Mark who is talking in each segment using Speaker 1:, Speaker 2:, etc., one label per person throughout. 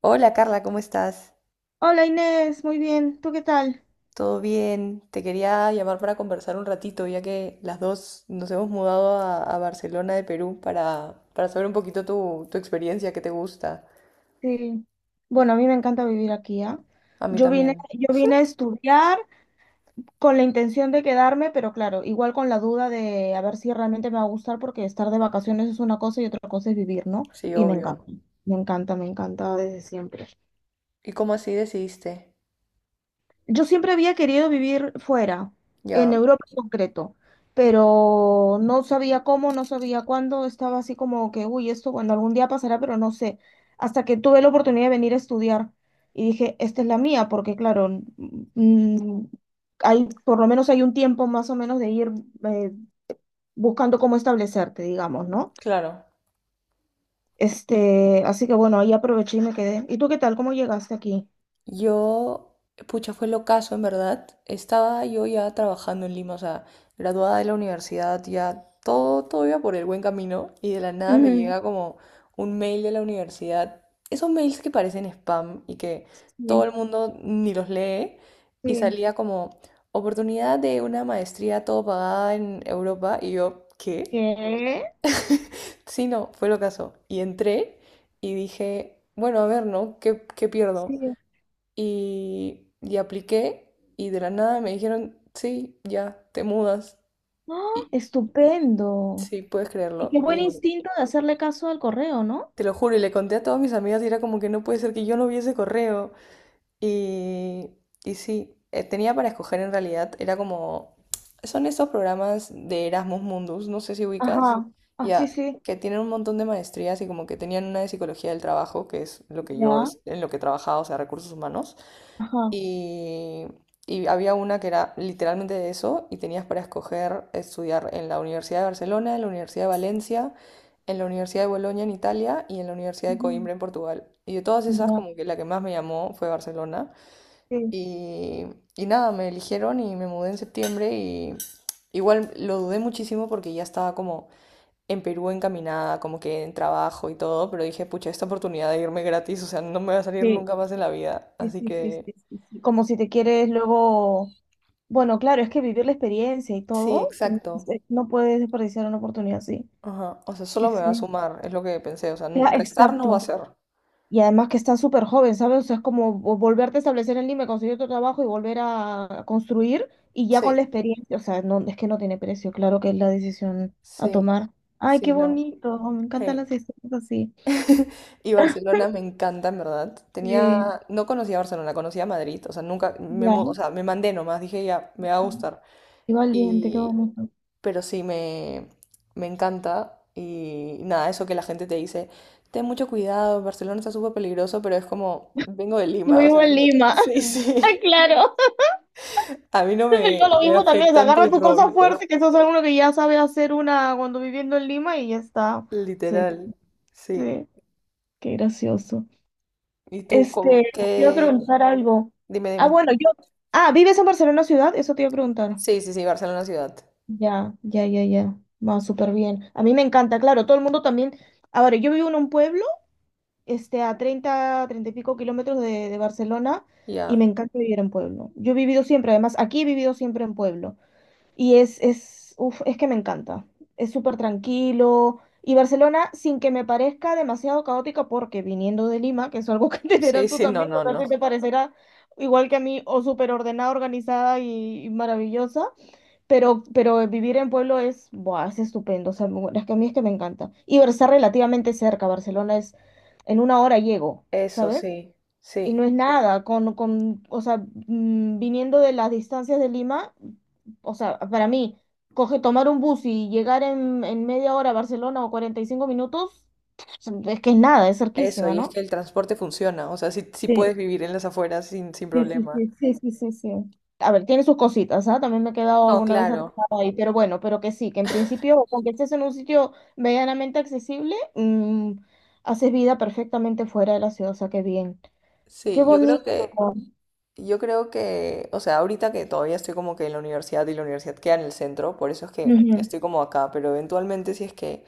Speaker 1: Hola Carla, ¿cómo estás?
Speaker 2: Hola Inés, muy bien. ¿Tú qué tal?
Speaker 1: ¿Todo bien? Te quería llamar para conversar un ratito, ya que las dos nos hemos mudado a Barcelona de Perú para saber un poquito tu experiencia, qué te gusta.
Speaker 2: Sí. Bueno, a mí me encanta vivir aquí, ¿ah?
Speaker 1: A mí
Speaker 2: Yo vine,
Speaker 1: también,
Speaker 2: yo vine a estudiar con la intención de quedarme, pero claro, igual con la duda de a ver si realmente me va a gustar, porque estar de vacaciones es una cosa y otra cosa es vivir, ¿no?
Speaker 1: sí,
Speaker 2: Y me
Speaker 1: obvio.
Speaker 2: encanta, me encanta, me encanta desde siempre.
Speaker 1: ¿Y cómo así decidiste?
Speaker 2: Yo siempre había querido vivir fuera, en
Speaker 1: Ya,
Speaker 2: Europa en concreto, pero no sabía cómo, no sabía cuándo, estaba así como que, uy, esto, bueno, algún día pasará, pero no sé. Hasta que tuve la oportunidad de venir a estudiar y dije, esta es la mía, porque claro, mm, por lo menos hay un tiempo más o menos de ir eh, buscando cómo establecerte, digamos, ¿no?
Speaker 1: claro.
Speaker 2: Así que bueno, ahí aproveché y me quedé. ¿Y tú qué tal? ¿Cómo llegaste aquí?
Speaker 1: Yo, pucha, fue el ocaso, en verdad. Estaba yo ya trabajando en Lima, o sea, graduada de la universidad, ya todo, todo iba por el buen camino y de la nada me
Speaker 2: Ujú.
Speaker 1: llega como un mail de la universidad. Esos mails que parecen spam y que todo
Speaker 2: Sí,
Speaker 1: el mundo ni los lee y
Speaker 2: sí.
Speaker 1: salía como oportunidad de una maestría todo pagada en Europa y yo, ¿qué?
Speaker 2: ¿Qué?
Speaker 1: Sí, no, fue el ocaso. Y entré y dije, bueno, a ver, ¿no? ¿Qué pierdo?
Speaker 2: Sí.
Speaker 1: Y apliqué y de la nada me dijeron, sí, ya, te mudas.
Speaker 2: ¡Ah!
Speaker 1: Y
Speaker 2: Estupendo.
Speaker 1: sí, puedes
Speaker 2: Y qué
Speaker 1: creerlo.
Speaker 2: buen
Speaker 1: Y
Speaker 2: instinto de hacerle caso al correo, ¿no?
Speaker 1: te lo juro, y le conté a todas mis amigas y era como que no puede ser que yo no viese correo. Y, y sí, tenía para escoger en realidad, era como, son esos programas de Erasmus Mundus, no sé si ubicas,
Speaker 2: Ajá, ah, sí,
Speaker 1: ya,
Speaker 2: sí.
Speaker 1: que tienen un montón de maestrías y como que tenían una de psicología del trabajo, que es lo que yo,
Speaker 2: Ya,
Speaker 1: en lo que trabajaba, o sea, recursos humanos.
Speaker 2: ajá,
Speaker 1: Y, y había una que era literalmente de eso y tenías para escoger estudiar en la Universidad de Barcelona, en la Universidad de Valencia, en la Universidad de Bolonia en Italia y en la Universidad de
Speaker 2: mm,
Speaker 1: Coimbra en Portugal. Y de todas esas,
Speaker 2: ya.
Speaker 1: como que la que más me llamó fue Barcelona.
Speaker 2: Sí,
Speaker 1: Y, y nada, me eligieron y me mudé en septiembre y igual lo dudé muchísimo porque ya estaba como en Perú encaminada, como que en trabajo y todo, pero dije, pucha, esta oportunidad de irme gratis, o sea, no me va a salir
Speaker 2: sí,
Speaker 1: nunca más en la vida.
Speaker 2: sí,
Speaker 1: Así
Speaker 2: sí, sí, sí,
Speaker 1: que...
Speaker 2: sí, sí. Como si te quieres luego... Bueno, claro, es que vivir la experiencia y
Speaker 1: Sí,
Speaker 2: todo,
Speaker 1: exacto.
Speaker 2: no puedes desperdiciar una oportunidad así.
Speaker 1: Ajá. O sea,
Speaker 2: Sí,
Speaker 1: solo me va a
Speaker 2: sí.
Speaker 1: sumar, es lo que pensé. O sea,
Speaker 2: Ya,
Speaker 1: restar no va a
Speaker 2: exacto.
Speaker 1: ser.
Speaker 2: Y además que está súper joven, ¿sabes? O sea, es como volverte a establecer en Lima, conseguir otro trabajo y volver a construir y ya con la
Speaker 1: Sí,
Speaker 2: experiencia, o sea, no, es que no tiene precio, claro que es la decisión a
Speaker 1: sí,
Speaker 2: tomar. Ay,
Speaker 1: sí,
Speaker 2: qué
Speaker 1: no.
Speaker 2: bonito, me encantan
Speaker 1: Hey.
Speaker 2: las historias así.
Speaker 1: Y Barcelona me encanta, en verdad. Tenía,
Speaker 2: Sí,
Speaker 1: no conocía Barcelona, conocía Madrid. O sea, nunca,
Speaker 2: ya,
Speaker 1: o sea, me mandé nomás, dije ya, me va a gustar.
Speaker 2: qué valiente, qué
Speaker 1: Y,
Speaker 2: bonito.
Speaker 1: pero sí, me encanta. Y nada, eso que la gente te dice, ten mucho cuidado, Barcelona está súper peligroso, pero es como, vengo de
Speaker 2: Yo
Speaker 1: Lima, o
Speaker 2: vivo
Speaker 1: sea,
Speaker 2: en Lima.
Speaker 1: sí,
Speaker 2: Ay,
Speaker 1: sí.
Speaker 2: claro.
Speaker 1: A mí no
Speaker 2: Siempre digo
Speaker 1: me,
Speaker 2: lo
Speaker 1: me
Speaker 2: mismo también, o sea,
Speaker 1: afectan
Speaker 2: agarra
Speaker 1: tus
Speaker 2: tu cosa
Speaker 1: robitos,
Speaker 2: fuerte, que eso es algo que ya sabe hacer una cuando viviendo en Lima y ya está. Sí,
Speaker 1: literal. Sí.
Speaker 2: sí, qué gracioso.
Speaker 1: ¿Y tú
Speaker 2: Este,
Speaker 1: cómo?
Speaker 2: Te iba a
Speaker 1: ¿Qué?
Speaker 2: preguntar algo.
Speaker 1: Dime,
Speaker 2: Ah,
Speaker 1: dime.
Speaker 2: bueno, yo. Ah, ¿vives en Barcelona ciudad? Eso te iba a preguntar.
Speaker 1: Sí, sí, sí, Barcelona ciudad.
Speaker 2: Ya, ya, ya, ya. Va súper bien. A mí me encanta, claro, todo el mundo también. Ahora, yo vivo en un pueblo, a treinta y pico kilómetros de Barcelona, y me
Speaker 1: Ya.
Speaker 2: encanta vivir en pueblo. Yo he vivido siempre, además, aquí he vivido siempre en pueblo. Y uf, es que me encanta. Es súper tranquilo. Y Barcelona, sin que me parezca demasiado caótica, porque viniendo de Lima, que es algo que entenderás
Speaker 1: Sí,
Speaker 2: tú
Speaker 1: sí, no,
Speaker 2: también, o
Speaker 1: no,
Speaker 2: sea,
Speaker 1: no.
Speaker 2: que te parecerá igual que a mí, o súper ordenada, organizada y maravillosa, pero vivir en pueblo es, buah, es estupendo. O sea, es que a mí es que me encanta. Y estar relativamente cerca. Barcelona es, en una hora llego,
Speaker 1: Eso,
Speaker 2: ¿sabes?
Speaker 1: sí,
Speaker 2: Y no
Speaker 1: sí.
Speaker 2: es nada, o sea, viniendo de las distancias de Lima, o sea, para mí, tomar un bus y llegar en media hora a Barcelona o 45 minutos, es que es nada, es
Speaker 1: Eso,
Speaker 2: cerquísima,
Speaker 1: y es
Speaker 2: ¿no?
Speaker 1: que el transporte funciona. O sea, sí, sí
Speaker 2: Sí,
Speaker 1: puedes vivir en las afueras sin
Speaker 2: sí, sí,
Speaker 1: problema.
Speaker 2: sí, sí, sí, sí, sí. A ver, tiene sus cositas, ¿ah? También me he quedado
Speaker 1: No,
Speaker 2: alguna vez
Speaker 1: claro.
Speaker 2: atrapada ahí, pero bueno, pero que sí, que en principio, aunque estés en un sitio medianamente accesible, haces vida perfectamente fuera de la ciudad, o sea, qué bien. Qué
Speaker 1: Sí, yo creo
Speaker 2: bonito.
Speaker 1: que, yo creo que, o sea, ahorita que todavía estoy como que en la universidad y la universidad queda en el centro, por eso es que
Speaker 2: Ujú,
Speaker 1: estoy como acá, pero eventualmente si es que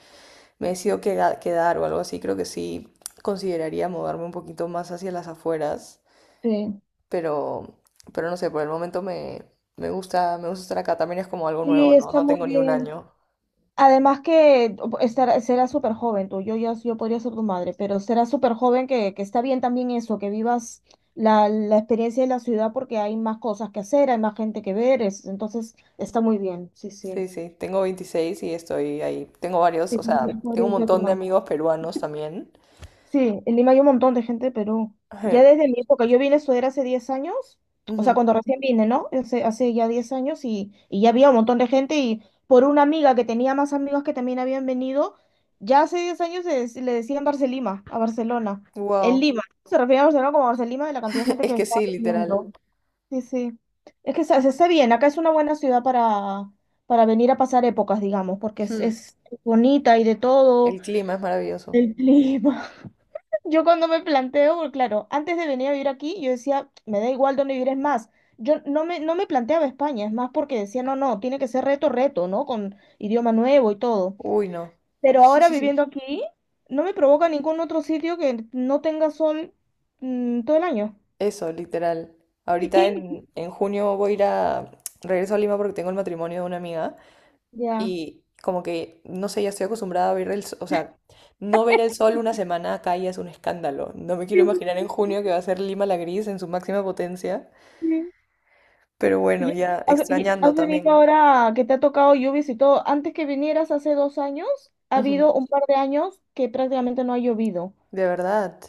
Speaker 1: me decido quedar o algo así, creo que sí consideraría mudarme un poquito más hacia las afueras,
Speaker 2: sí.
Speaker 1: pero, pero no sé, por el momento me, me gusta estar acá, también es como algo nuevo,
Speaker 2: Sí,
Speaker 1: ¿no?
Speaker 2: está
Speaker 1: No
Speaker 2: muy
Speaker 1: tengo ni un
Speaker 2: bien.
Speaker 1: año.
Speaker 2: Además que estará, será súper joven tú, yo, yo podría ser tu madre, pero será súper joven que, está bien también eso, que vivas la experiencia de la ciudad porque hay más cosas que hacer, hay más gente que ver, entonces está muy bien, sí, sí.
Speaker 1: Sí, sí, tengo 26 y estoy ahí. Tengo varios,
Speaker 2: Sí,
Speaker 1: o
Speaker 2: sí,
Speaker 1: sea, tengo un
Speaker 2: podría ser tu
Speaker 1: montón de
Speaker 2: madre.
Speaker 1: amigos peruanos también.
Speaker 2: Sí, en Lima hay un montón de gente de Perú.
Speaker 1: Ajá,
Speaker 2: Ya desde mi época, yo vine a estudiar hace 10 años, o sea,
Speaker 1: ujú.
Speaker 2: cuando recién vine, ¿no? Hace ya 10 años y ya había un montón de gente y por una amiga que tenía más amigos que también habían venido, ya hace 10 años le decían Barcelima, a Barcelona. En
Speaker 1: Wow,
Speaker 2: Lima, se refería a Barcelona como Barcelima de la cantidad de gente
Speaker 1: es
Speaker 2: que
Speaker 1: que
Speaker 2: estaba
Speaker 1: sí, literal.
Speaker 2: viniendo. Sí, sí. Es que se está bien, acá es una buena ciudad para, venir a pasar épocas, digamos, porque es,
Speaker 1: Hmm.
Speaker 2: es bonita y de todo,
Speaker 1: El clima es maravilloso.
Speaker 2: el clima. Yo cuando me planteo, porque claro, antes de venir a vivir aquí, yo decía, me da igual dónde vivir, es más, yo no me planteaba España, es más porque decía, no, no, tiene que ser reto, reto, ¿no? Con idioma nuevo y todo.
Speaker 1: Uy, no.
Speaker 2: Pero ahora viviendo aquí, no me provoca ningún otro sitio que no tenga sol todo el año.
Speaker 1: Eso, literal. Ahorita en, en junio voy a ir a... Regreso a Lima porque tengo el matrimonio de una amiga
Speaker 2: Ya.
Speaker 1: y como que, no sé, ya estoy acostumbrada a ver el... O sea, no ver el sol una semana acá ya es un escándalo. No me
Speaker 2: Sí,
Speaker 1: quiero
Speaker 2: sí,
Speaker 1: imaginar en junio que va a ser Lima la gris en su máxima potencia.
Speaker 2: sí.
Speaker 1: Pero bueno,
Speaker 2: ¿Y
Speaker 1: ya
Speaker 2: has y
Speaker 1: extrañando
Speaker 2: has venido
Speaker 1: también.
Speaker 2: ahora que te ha tocado lluvias y todo? Antes que vinieras hace 2 años, ha
Speaker 1: Ujú.
Speaker 2: habido un par de años que prácticamente no ha llovido.
Speaker 1: De verdad.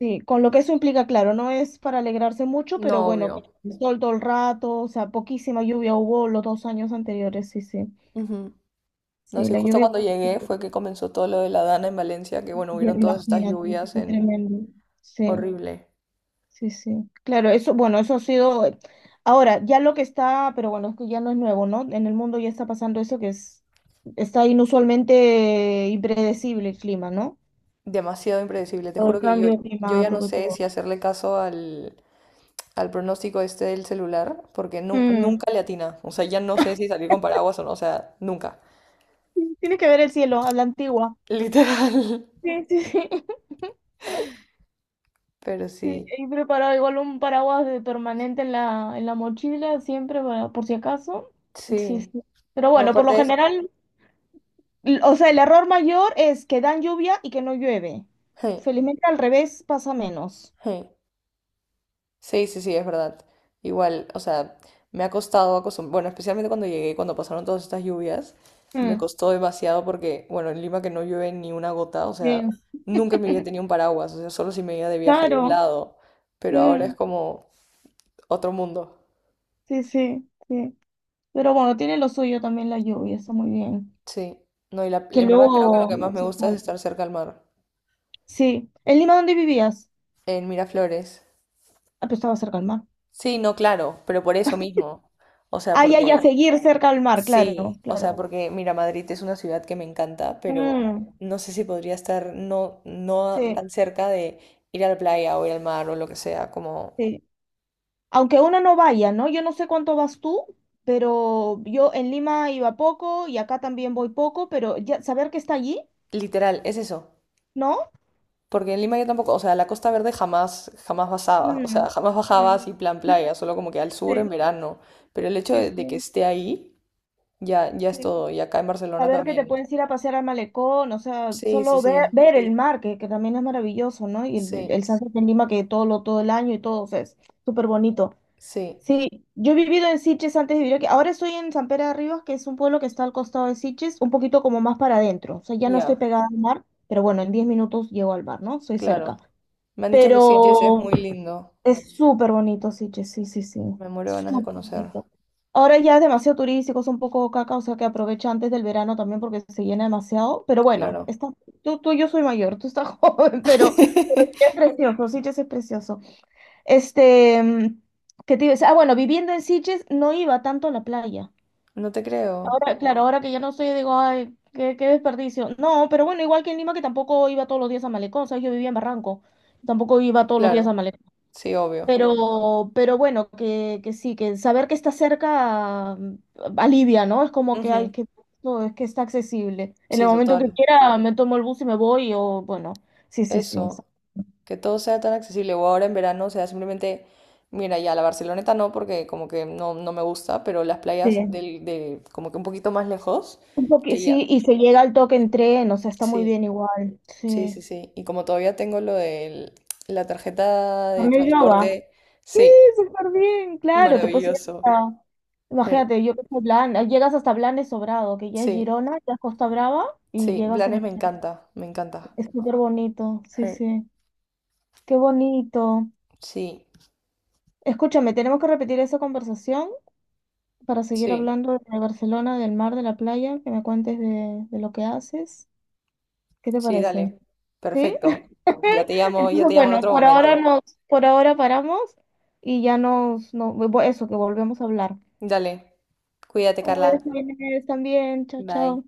Speaker 2: Sí, con lo que eso implica, claro, no es para alegrarse mucho, pero
Speaker 1: No,
Speaker 2: bueno, que
Speaker 1: obvio.
Speaker 2: el sol todo el rato, o sea, poquísima lluvia hubo los 2 años anteriores, sí, sí.
Speaker 1: Ujú. No
Speaker 2: Sí,
Speaker 1: sé,
Speaker 2: la
Speaker 1: justo
Speaker 2: lluvia,
Speaker 1: cuando llegué fue que comenzó todo lo de la Dana en Valencia, que bueno,
Speaker 2: ya
Speaker 1: hubieron
Speaker 2: me
Speaker 1: todas estas
Speaker 2: imagino,
Speaker 1: lluvias
Speaker 2: fue
Speaker 1: en...
Speaker 2: tremendo. Sí,
Speaker 1: Horrible.
Speaker 2: sí, sí. Claro, eso, bueno, eso ha sido. Ahora, ya lo que está, pero bueno, es que ya no es nuevo, ¿no? En el mundo ya está pasando eso que es, está inusualmente impredecible el clima, ¿no?
Speaker 1: Demasiado impredecible. Te
Speaker 2: Por el
Speaker 1: juro que yo,
Speaker 2: cambio
Speaker 1: yo ya no
Speaker 2: climático y
Speaker 1: sé
Speaker 2: todo.
Speaker 1: si hacerle caso al pronóstico este del celular, porque
Speaker 2: Mm.
Speaker 1: nunca le atina. O sea, ya no sé si salir con paraguas o no, o sea, nunca.
Speaker 2: Tiene que ver el cielo, a la antigua.
Speaker 1: Literal.
Speaker 2: Sí, sí, sí.
Speaker 1: Pero
Speaker 2: Sí,
Speaker 1: sí,
Speaker 2: y preparado igual un paraguas de permanente en la mochila, siempre, por si acaso. Sí,
Speaker 1: sí.
Speaker 2: sí. Pero
Speaker 1: No,
Speaker 2: bueno, por lo
Speaker 1: aparte es...
Speaker 2: general, o sea, el error mayor es que dan lluvia y que no llueve. Felizmente al revés pasa menos.
Speaker 1: Sí, sí, sí, es verdad. Igual, o sea, me ha costado acostumbrar, bueno, especialmente cuando llegué, cuando pasaron todas estas lluvias, me
Speaker 2: Mm,
Speaker 1: costó demasiado porque, bueno, en Lima que no llueve ni una gota, o sea,
Speaker 2: bien,
Speaker 1: nunca en mi vida tenía un paraguas, o sea, solo si me iba de viaje a algún
Speaker 2: claro.
Speaker 1: lado, pero ahora
Speaker 2: Mm,
Speaker 1: es como otro mundo.
Speaker 2: sí, sí, sí. Pero bueno, tiene lo suyo también la lluvia, está muy bien.
Speaker 1: Sí, no, y la,
Speaker 2: Que
Speaker 1: en verdad creo que lo
Speaker 2: luego...
Speaker 1: que más me gusta es estar cerca al mar,
Speaker 2: Sí. ¿En Lima dónde vivías?
Speaker 1: en Miraflores.
Speaker 2: Ah, pero estaba cerca al mar.
Speaker 1: Sí, no, claro, pero por eso mismo, o sea,
Speaker 2: Ah, ya, ya,
Speaker 1: porque
Speaker 2: seguir cerca al mar, claro,
Speaker 1: sí, o
Speaker 2: claro.
Speaker 1: sea, porque mira, Madrid es una ciudad que me encanta, pero
Speaker 2: Mm,
Speaker 1: no sé si podría estar no, no
Speaker 2: sí.
Speaker 1: tan cerca de ir a la playa o ir al mar o lo que sea, como
Speaker 2: Sí. Aunque uno no vaya, ¿no? Yo no sé cuánto vas tú, pero yo en Lima iba poco y acá también voy poco, pero ya saber que está allí,
Speaker 1: literal, es eso.
Speaker 2: ¿no?
Speaker 1: Porque en Lima yo tampoco, o sea, la Costa Verde jamás, jamás bajaba, o
Speaker 2: Mm,
Speaker 1: sea, jamás bajaba
Speaker 2: mm,
Speaker 1: así plan playa, solo como que al sur en
Speaker 2: sí,
Speaker 1: verano. Pero el hecho
Speaker 2: sí,
Speaker 1: de que
Speaker 2: sí,
Speaker 1: esté ahí, ya, ya es
Speaker 2: sí.
Speaker 1: todo. Y acá en Barcelona
Speaker 2: Saber que te
Speaker 1: también.
Speaker 2: puedes ir a pasear al malecón, o sea,
Speaker 1: Sí, sí,
Speaker 2: solo ver,
Speaker 1: sí,
Speaker 2: ver el mar, que también es maravilloso, ¿no? Y el
Speaker 1: sí,
Speaker 2: sunset en Lima, que todo todo el año y todo, o sea, es súper bonito.
Speaker 1: sí,
Speaker 2: Sí, yo he vivido en Sitges antes de vivir aquí. Ahora estoy en San Pere de Ribas, que es un pueblo que está al costado de Sitges, un poquito como más para adentro. O sea, ya no estoy
Speaker 1: ya,
Speaker 2: pegada al mar, pero bueno, en 10 minutos llego al mar, ¿no? Soy cerca.
Speaker 1: claro. Me han dicho que sí, Jess, es
Speaker 2: Pero
Speaker 1: muy lindo.
Speaker 2: es súper bonito Sitges, sí, sí, sí.
Speaker 1: Me muero de ganas de
Speaker 2: Súper
Speaker 1: conocer,
Speaker 2: bonito. Ahora ya es demasiado turístico, es un poco caca, o sea que aprovecha antes del verano también porque se llena demasiado. Pero bueno,
Speaker 1: claro.
Speaker 2: tú, yo soy mayor, tú estás joven, pero es precioso, Sitges es precioso. Este, mm, ¿Qué te iba a decir? Ah, bueno, viviendo en Sitges no iba tanto a la playa.
Speaker 1: No te creo,
Speaker 2: Claro, ahora que ya no estoy, digo, ay, qué desperdicio. No, pero bueno, igual que en Lima, que tampoco iba todos los días a Malecón, ¿sabes? Yo vivía en Barranco, tampoco iba todos los días a
Speaker 1: claro,
Speaker 2: Malecón.
Speaker 1: sí, obvio.
Speaker 2: Pero bueno, que sí, que saber que está cerca alivia, ¿no? Es como que hay
Speaker 1: Ujú.
Speaker 2: que, no, es que está accesible. En el
Speaker 1: Sí,
Speaker 2: momento que
Speaker 1: total.
Speaker 2: quiera, me tomo el bus y me voy, o bueno, sí, sí, sí.
Speaker 1: Eso, que todo sea tan accesible. O ahora en verano, o sea, simplemente, mira, ya la Barceloneta no, porque como que no, no me gusta, pero las playas
Speaker 2: Sí.
Speaker 1: del, de, como que un poquito más lejos, que ya.
Speaker 2: Sí, y se llega al toque en tren, o sea, está muy
Speaker 1: Sí,
Speaker 2: bien igual.
Speaker 1: sí,
Speaker 2: Sí.
Speaker 1: sí, sí. Y como todavía tengo lo de la tarjeta
Speaker 2: A
Speaker 1: de
Speaker 2: mí ya va.
Speaker 1: transporte,
Speaker 2: Sí,
Speaker 1: sí,
Speaker 2: súper bien, claro, te puedes ir
Speaker 1: maravilloso.
Speaker 2: hasta.
Speaker 1: Sí,
Speaker 2: Imagínate, yo que soy Blan, llegas hasta Blanes Sobrado, que ya es
Speaker 1: sí,
Speaker 2: Girona, ya es Costa Brava, y
Speaker 1: sí,
Speaker 2: llegas en.
Speaker 1: Blanes me encanta, me encanta.
Speaker 2: Es súper bonito, sí,
Speaker 1: Mm.
Speaker 2: sí. Qué bonito.
Speaker 1: Sí,
Speaker 2: Escúchame, tenemos que repetir esa conversación para seguir
Speaker 1: sí,
Speaker 2: hablando de Barcelona, del mar, de la playa, que me cuentes de lo que haces. ¿Qué te
Speaker 1: sí,
Speaker 2: parece?
Speaker 1: dale.
Speaker 2: ¿Sí?
Speaker 1: Perfecto. Ya
Speaker 2: Entonces,
Speaker 1: te llamo en
Speaker 2: bueno,
Speaker 1: otro momento.
Speaker 2: por ahora paramos y no, eso, que volvemos a hablar.
Speaker 1: Dale. Cuídate,
Speaker 2: Un
Speaker 1: Carla.
Speaker 2: beso, Inés, también. Chao,
Speaker 1: Bye.
Speaker 2: chao.